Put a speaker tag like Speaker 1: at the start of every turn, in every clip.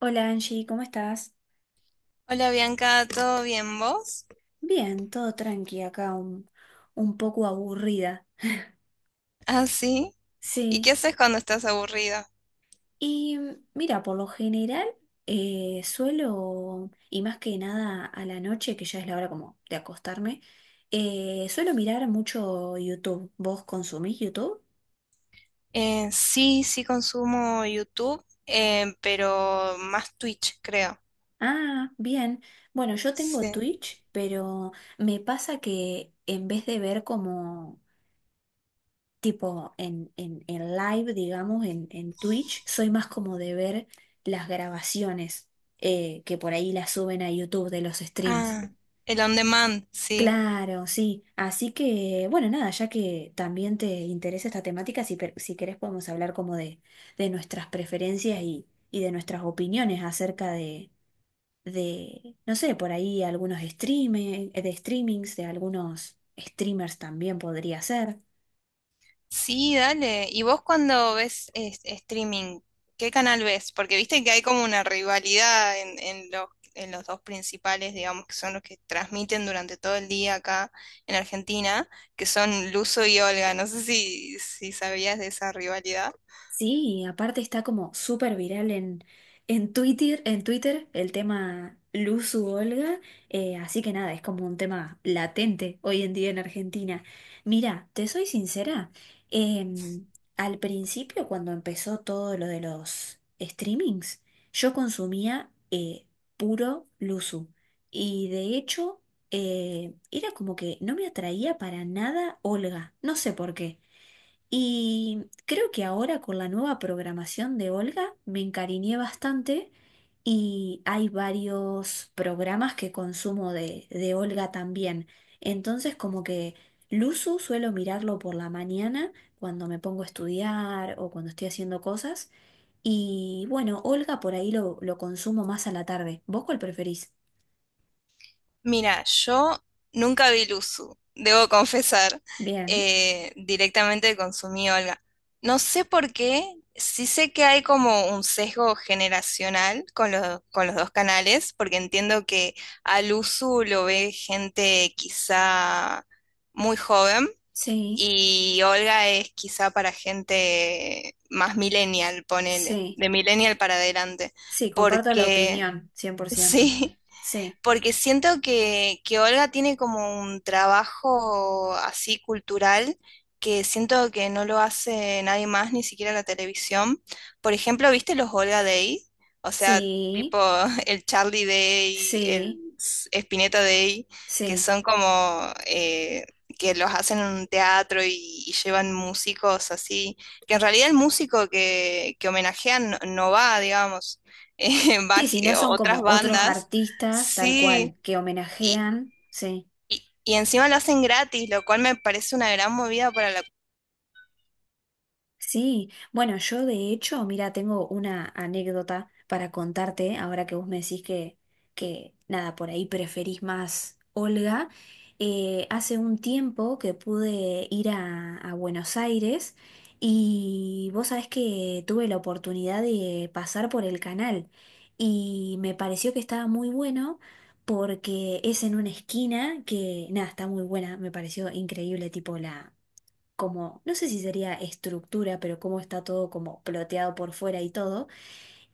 Speaker 1: Hola Angie, ¿cómo estás?
Speaker 2: Hola Bianca, ¿todo bien vos?
Speaker 1: Bien, todo tranqui acá, un poco aburrida.
Speaker 2: Ah, sí. ¿Y
Speaker 1: Sí,
Speaker 2: qué haces cuando estás aburrida?
Speaker 1: y mira, por lo general suelo, y más que nada a la noche, que ya es la hora como de acostarme, suelo mirar mucho YouTube. ¿Vos consumís YouTube?
Speaker 2: Sí, sí consumo YouTube, pero más Twitch, creo.
Speaker 1: Ah, bien. Bueno, yo tengo
Speaker 2: Sí.
Speaker 1: Twitch, pero me pasa que en vez de ver como tipo en live, digamos, en Twitch, soy más como de ver las grabaciones que por ahí las suben a YouTube de los streams.
Speaker 2: Ah, el on demand, sí.
Speaker 1: Claro, sí. Así que, bueno, nada, ya que también te interesa esta temática, si querés podemos hablar como de nuestras preferencias y de nuestras opiniones acerca de, no sé, por ahí algunos streaming, de streamings, de algunos streamers también podría ser.
Speaker 2: Sí, dale. ¿Y vos cuando ves streaming, qué canal ves? Porque viste que hay como una rivalidad en los dos principales, digamos, que son los que transmiten durante todo el día acá en Argentina, que son Luzo y Olga. No sé si sabías de esa rivalidad.
Speaker 1: Sí, aparte está como súper viral en Twitter, en Twitter el tema Luzu Olga, así que nada, es como un tema latente hoy en día en Argentina. Mira, te soy sincera, em, al principio cuando empezó todo lo de los streamings, yo consumía puro Luzu, y de hecho era como que no me atraía para nada Olga, no sé por qué. Y creo que ahora con la nueva programación de Olga me encariñé bastante, y hay varios programas que consumo de Olga también. Entonces como que Luzu suelo mirarlo por la mañana cuando me pongo a estudiar o cuando estoy haciendo cosas. Y bueno, Olga por ahí lo consumo más a la tarde. ¿Vos cuál preferís?
Speaker 2: Mira, yo nunca vi Luzu, debo confesar.
Speaker 1: Bien,
Speaker 2: Eh, directamente consumí Olga. No sé por qué, sí sé que hay como un sesgo generacional con con los dos canales, porque entiendo que a Luzu lo ve gente quizá muy joven
Speaker 1: sí,
Speaker 2: y Olga es quizá para gente más millennial, ponele,
Speaker 1: sí,
Speaker 2: de millennial para adelante,
Speaker 1: sí, comparto la
Speaker 2: porque
Speaker 1: opinión, cien por ciento.
Speaker 2: sí,
Speaker 1: Sí,
Speaker 2: porque siento que Olga tiene como un trabajo así cultural que siento que no lo hace nadie más, ni siquiera la televisión. Por ejemplo, ¿viste los Olga Day? O sea,
Speaker 1: sí.
Speaker 2: tipo el Charlie Day, el
Speaker 1: Sí,
Speaker 2: Spinetta Day, que
Speaker 1: sí.
Speaker 2: son como que los hacen en un teatro y llevan músicos así, que en realidad el músico que homenajean no, no va, digamos, va
Speaker 1: Sí, si no son
Speaker 2: otras
Speaker 1: como otros
Speaker 2: bandas.
Speaker 1: artistas, tal
Speaker 2: Sí,
Speaker 1: cual, que
Speaker 2: y,
Speaker 1: homenajean, sí.
Speaker 2: y encima lo hacen gratis, lo cual me parece una gran movida para la...
Speaker 1: Sí, bueno, yo de hecho, mira, tengo una anécdota para contarte, ahora que vos me decís que nada, por ahí preferís más Olga. Hace un tiempo que pude ir a Buenos Aires, y vos sabés que tuve la oportunidad de pasar por el canal y me pareció que estaba muy bueno porque es en una esquina que, nada, está muy buena, me pareció increíble, tipo como, no sé si sería estructura, pero cómo está todo como ploteado por fuera y todo.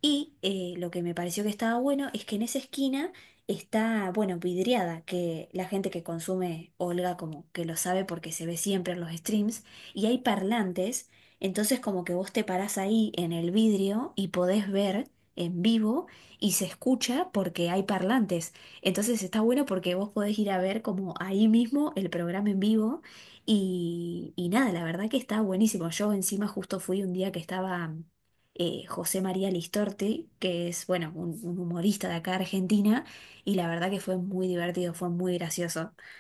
Speaker 1: Y lo que me pareció que estaba bueno es que en esa esquina está, bueno, vidriada, que la gente que consume Olga como que lo sabe porque se ve siempre en los streams, y hay parlantes, entonces como que vos te parás ahí en el vidrio y podés ver en vivo, y se escucha porque hay parlantes. Entonces está bueno porque vos podés ir a ver como ahí mismo el programa en vivo, y nada, la verdad que está buenísimo. Yo encima justo fui un día que estaba José María Listorti, que es, bueno, un humorista de acá de Argentina, y la verdad que fue muy divertido, fue muy gracioso.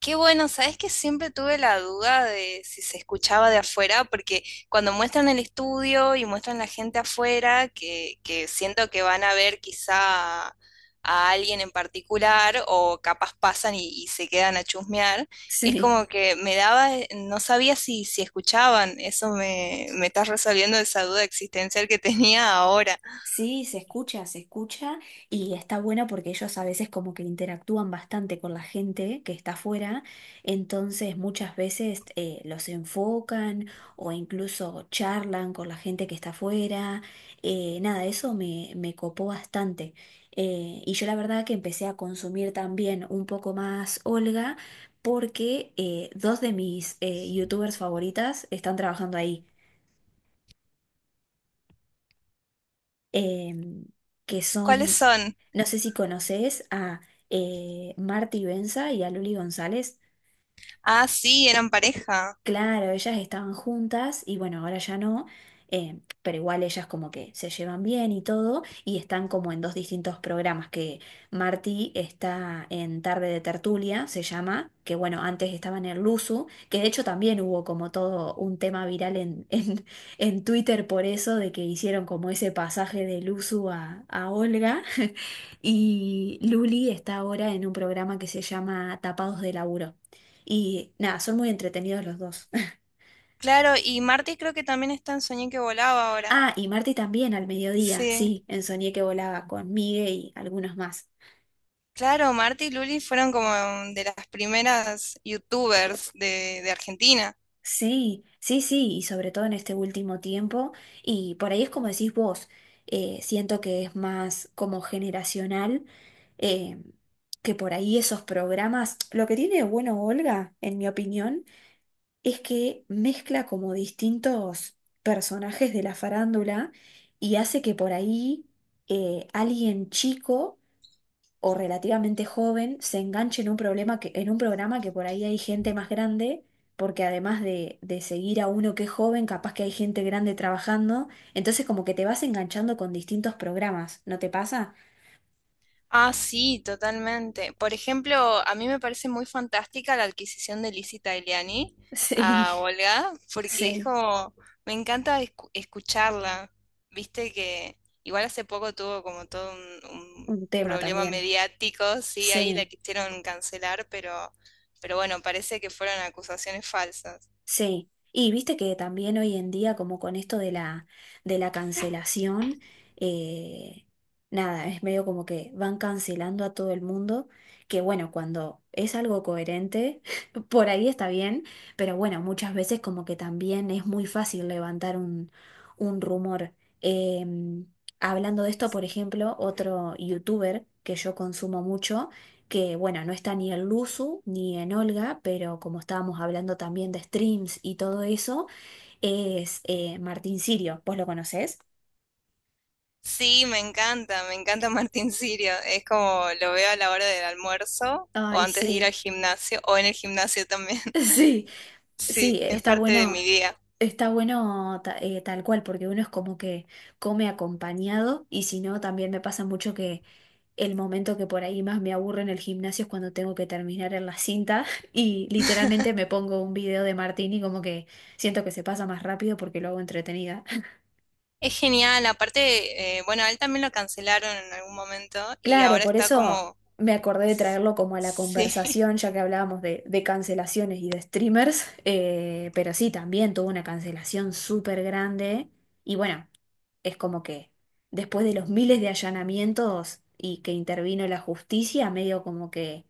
Speaker 2: Qué bueno, ¿sabes que siempre tuve la duda de si se escuchaba de afuera? Porque cuando muestran el estudio y muestran la gente afuera, que siento que van a ver quizá a alguien en particular o capaz pasan y se quedan a chusmear, es
Speaker 1: Sí.
Speaker 2: como que me daba, no sabía si escuchaban, eso me estás resolviendo esa duda existencial que tenía ahora.
Speaker 1: Sí, se escucha, se escucha, y está bueno porque ellos a veces como que interactúan bastante con la gente que está afuera, entonces muchas veces los enfocan o incluso charlan con la gente que está afuera. Nada, eso me copó bastante. Y yo la verdad que empecé a consumir también un poco más Olga porque dos de mis youtubers favoritas están trabajando ahí. em, que
Speaker 2: ¿Cuáles
Speaker 1: son,
Speaker 2: son?
Speaker 1: no sé si conoces a Marty Benza y a Luli González.
Speaker 2: Ah, sí, eran pareja.
Speaker 1: Claro, ellas estaban juntas y bueno, ahora ya no, pero igual ellas como que se llevan bien y todo, y están como en dos distintos programas. Que Martí está en Tarde de Tertulia, se llama, que bueno, antes estaba en el Luzu, que de hecho también hubo como todo un tema viral en Twitter por eso, de que hicieron como ese pasaje de Luzu a Olga, y Luli está ahora en un programa que se llama Tapados de Laburo, y nada, son muy entretenidos los dos.
Speaker 2: Claro, y Marty creo que también está en Soñé que volaba ahora.
Speaker 1: Ah, y Marty también al mediodía,
Speaker 2: Sí.
Speaker 1: sí, en Soñé Que Volaba con Migue y algunos más.
Speaker 2: Claro, Marty y Luli fueron como de las primeras youtubers de Argentina.
Speaker 1: Sí, sí, sí, y sobre todo en este último tiempo, y por ahí es como decís vos, siento que es más como generacional, eh, que por ahí esos programas, lo que tiene de bueno Olga, en mi opinión, es que mezcla como distintos personajes de la farándula, y hace que por ahí alguien chico o relativamente joven se enganche en un problema que, en un programa que por ahí hay gente más grande, porque además de seguir a uno que es joven, capaz que hay gente grande trabajando, entonces como que te vas enganchando con distintos programas, ¿no te pasa?
Speaker 2: Ah, sí, totalmente. Por ejemplo, a mí me parece muy fantástica la adquisición de Lizzie Tagliani
Speaker 1: Sí,
Speaker 2: a Olga, porque es
Speaker 1: sí,
Speaker 2: como, me encanta escucharla. Viste que igual hace poco tuvo como todo un
Speaker 1: un tema
Speaker 2: problema
Speaker 1: también.
Speaker 2: mediático, sí, ahí la
Speaker 1: Sí.
Speaker 2: quisieron cancelar, pero bueno, parece que fueron acusaciones falsas.
Speaker 1: Sí, y viste que también hoy en día, como con esto de la cancelación, eh, nada, es medio como que van cancelando a todo el mundo, que bueno, cuando es algo coherente, por ahí está bien, pero bueno, muchas veces como que también es muy fácil levantar un rumor. Em, Hablando de esto, por ejemplo, otro youtuber que yo consumo mucho, que bueno, no está ni en Luzu ni en Olga, pero como estábamos hablando también de streams y todo eso, es Martín Sirio. ¿Vos lo conocés?
Speaker 2: Sí, me encanta Martín Sirio. Es como lo veo a la hora del almuerzo o
Speaker 1: Ay,
Speaker 2: antes de ir al
Speaker 1: sí,
Speaker 2: gimnasio o en el gimnasio también.
Speaker 1: sí, sí,
Speaker 2: Sí, es
Speaker 1: está
Speaker 2: parte de mi
Speaker 1: bueno,
Speaker 2: día.
Speaker 1: está bueno, tal cual, porque uno es como que come acompañado, y si no, también me pasa mucho que el momento que por ahí más me aburre en el gimnasio es cuando tengo que terminar en la cinta, y literalmente me pongo un video de Martín y como que siento que se pasa más rápido porque lo hago entretenida.
Speaker 2: Es genial, aparte, bueno, a él también lo cancelaron en algún momento y
Speaker 1: Claro,
Speaker 2: ahora
Speaker 1: por
Speaker 2: está
Speaker 1: eso
Speaker 2: como,
Speaker 1: me acordé de traerlo como a la
Speaker 2: sí.
Speaker 1: conversación, ya que hablábamos de cancelaciones y de streamers, pero sí, también tuvo una cancelación súper grande, y bueno, es como que después de los miles de allanamientos y que intervino la justicia, medio como que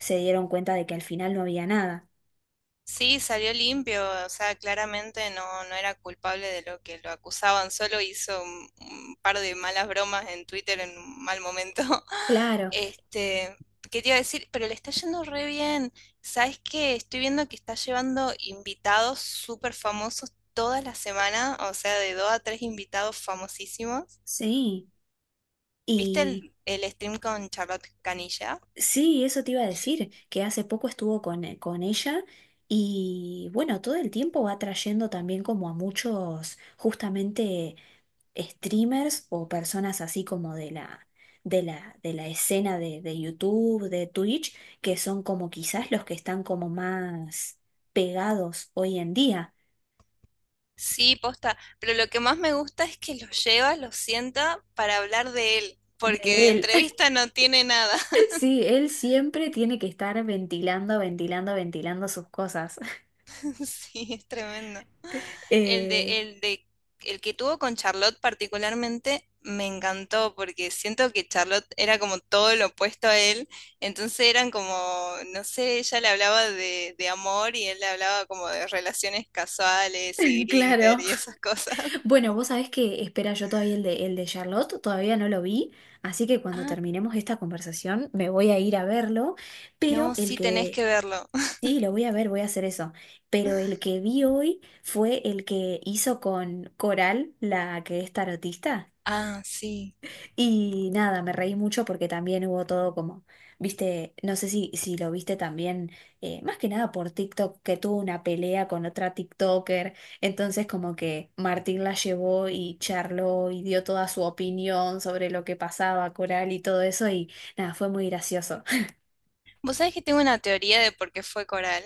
Speaker 1: se dieron cuenta de que al final no había nada.
Speaker 2: Sí, salió limpio, o sea, claramente no, no era culpable de lo que lo acusaban, solo hizo un par de malas bromas en Twitter en un mal momento.
Speaker 1: Claro,
Speaker 2: Este, ¿qué te iba a decir? Pero le está yendo re bien. ¿Sabes qué? Estoy viendo que está llevando invitados súper famosos toda la semana, o sea, de dos a tres invitados famosísimos.
Speaker 1: sí.
Speaker 2: ¿Viste
Speaker 1: Y
Speaker 2: el stream con Charlotte Canilla?
Speaker 1: sí, eso te iba a decir, que hace poco estuvo con ella, y bueno, todo el tiempo va trayendo también como a muchos, justamente streamers o personas así como de la, de la escena de YouTube, de Twitch, que son como quizás los que están como más pegados hoy en día.
Speaker 2: Sí, posta, pero lo que más me gusta es que lo lleva, lo sienta para hablar de él, porque de
Speaker 1: De él.
Speaker 2: entrevista no tiene nada.
Speaker 1: Sí, él siempre tiene que estar ventilando, ventilando, ventilando sus cosas.
Speaker 2: Sí, es tremendo. El
Speaker 1: Eh,
Speaker 2: de, el de, el que tuvo con Charlotte particularmente me encantó, porque siento que Charlotte era como todo lo opuesto a él, entonces eran como, no sé, ella le hablaba de amor y él le hablaba como de relaciones casuales y Grinder
Speaker 1: claro.
Speaker 2: y esas cosas.
Speaker 1: Bueno, vos sabés que espera, yo todavía el de Charlotte, todavía no lo vi, así que cuando
Speaker 2: Ah,
Speaker 1: terminemos esta conversación me voy a ir a verlo, pero
Speaker 2: no,
Speaker 1: el
Speaker 2: sí tenés
Speaker 1: que,
Speaker 2: que verlo.
Speaker 1: sí, lo voy a ver, voy a hacer eso, pero el que vi hoy fue el que hizo con Coral, la que es tarotista.
Speaker 2: Ah, sí.
Speaker 1: Y nada, me reí mucho porque también hubo todo como, viste, no sé si lo viste también, más que nada por TikTok, que tuvo una pelea con otra TikToker, entonces como que Martín la llevó y charló y dio toda su opinión sobre lo que pasaba, Coral y todo eso, y nada, fue muy gracioso.
Speaker 2: Vos sabés que tengo una teoría de por qué fue Coral.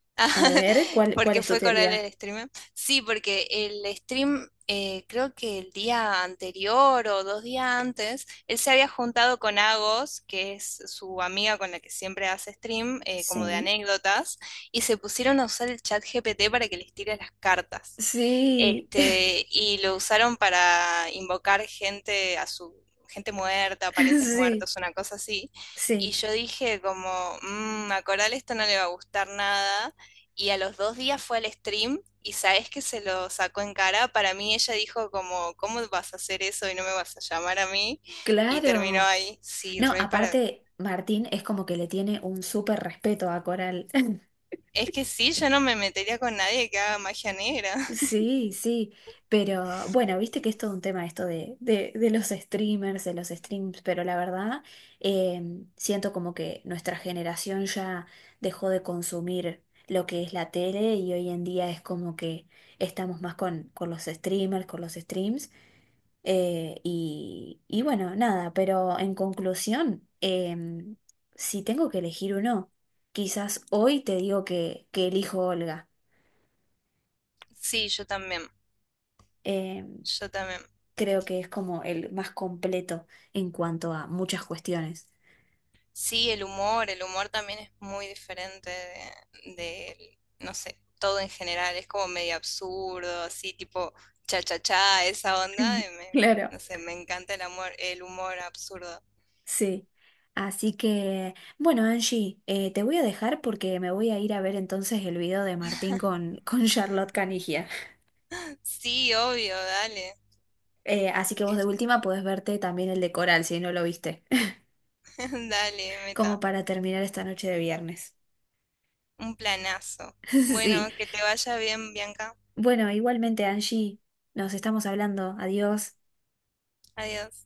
Speaker 1: A ver, ¿cuál,
Speaker 2: ¿Por
Speaker 1: cuál
Speaker 2: qué
Speaker 1: es tu
Speaker 2: fue Coral
Speaker 1: teoría?
Speaker 2: el streamer? Sí, porque el stream, creo que el día anterior o dos días antes, él se había juntado con Agos, que es su amiga con la que siempre hace stream, como de
Speaker 1: Sí,
Speaker 2: anécdotas, y se pusieron a usar el chat GPT para que les tire las cartas.
Speaker 1: sí,
Speaker 2: Este, y lo usaron para invocar gente a su gente muerta, parientes
Speaker 1: sí,
Speaker 2: muertos, una cosa así. Y
Speaker 1: sí,
Speaker 2: yo dije como, "Mm, a Coral esto no le va a gustar nada." Y a los dos días fue al stream y sabes que se lo sacó en cara. Para mí ella dijo como, ¿cómo vas a hacer eso y no me vas a llamar a mí? Y terminó
Speaker 1: claro.
Speaker 2: ahí. Sí,
Speaker 1: No,
Speaker 2: re para...
Speaker 1: aparte, Martín es como que le tiene un súper respeto a Coral.
Speaker 2: Es que sí, yo no me metería con nadie que haga magia negra.
Speaker 1: Sí, sí, pero bueno, viste que es todo un tema esto de, de los streamers, de los streams, pero la verdad siento como que nuestra generación ya dejó de consumir lo que es la tele, y hoy en día es como que estamos más con los streamers, con los streams, y bueno, nada, pero en conclusión, si tengo que elegir uno, quizás hoy te digo que elijo Olga.
Speaker 2: Sí, yo también.
Speaker 1: em,
Speaker 2: Yo también.
Speaker 1: creo que es como el más completo en cuanto a muchas cuestiones.
Speaker 2: Sí, el humor también es muy diferente no sé, todo en general, es como medio absurdo, así tipo cha cha cha, esa onda, y me-
Speaker 1: Claro.
Speaker 2: no sé, me encanta el amor, el humor absurdo.
Speaker 1: Sí. Así que, bueno, Angie, te voy a dejar porque me voy a ir a ver entonces el video de Martín con Charlotte Canigia.
Speaker 2: Sí, obvio, dale,
Speaker 1: Así que vos de última podés verte también el de Coral si no lo viste,
Speaker 2: dale,
Speaker 1: como
Speaker 2: meta,
Speaker 1: para terminar esta noche de viernes.
Speaker 2: un planazo. Bueno,
Speaker 1: Sí.
Speaker 2: que te vaya bien, Bianca.
Speaker 1: Bueno, igualmente, Angie, nos estamos hablando. Adiós.
Speaker 2: Adiós.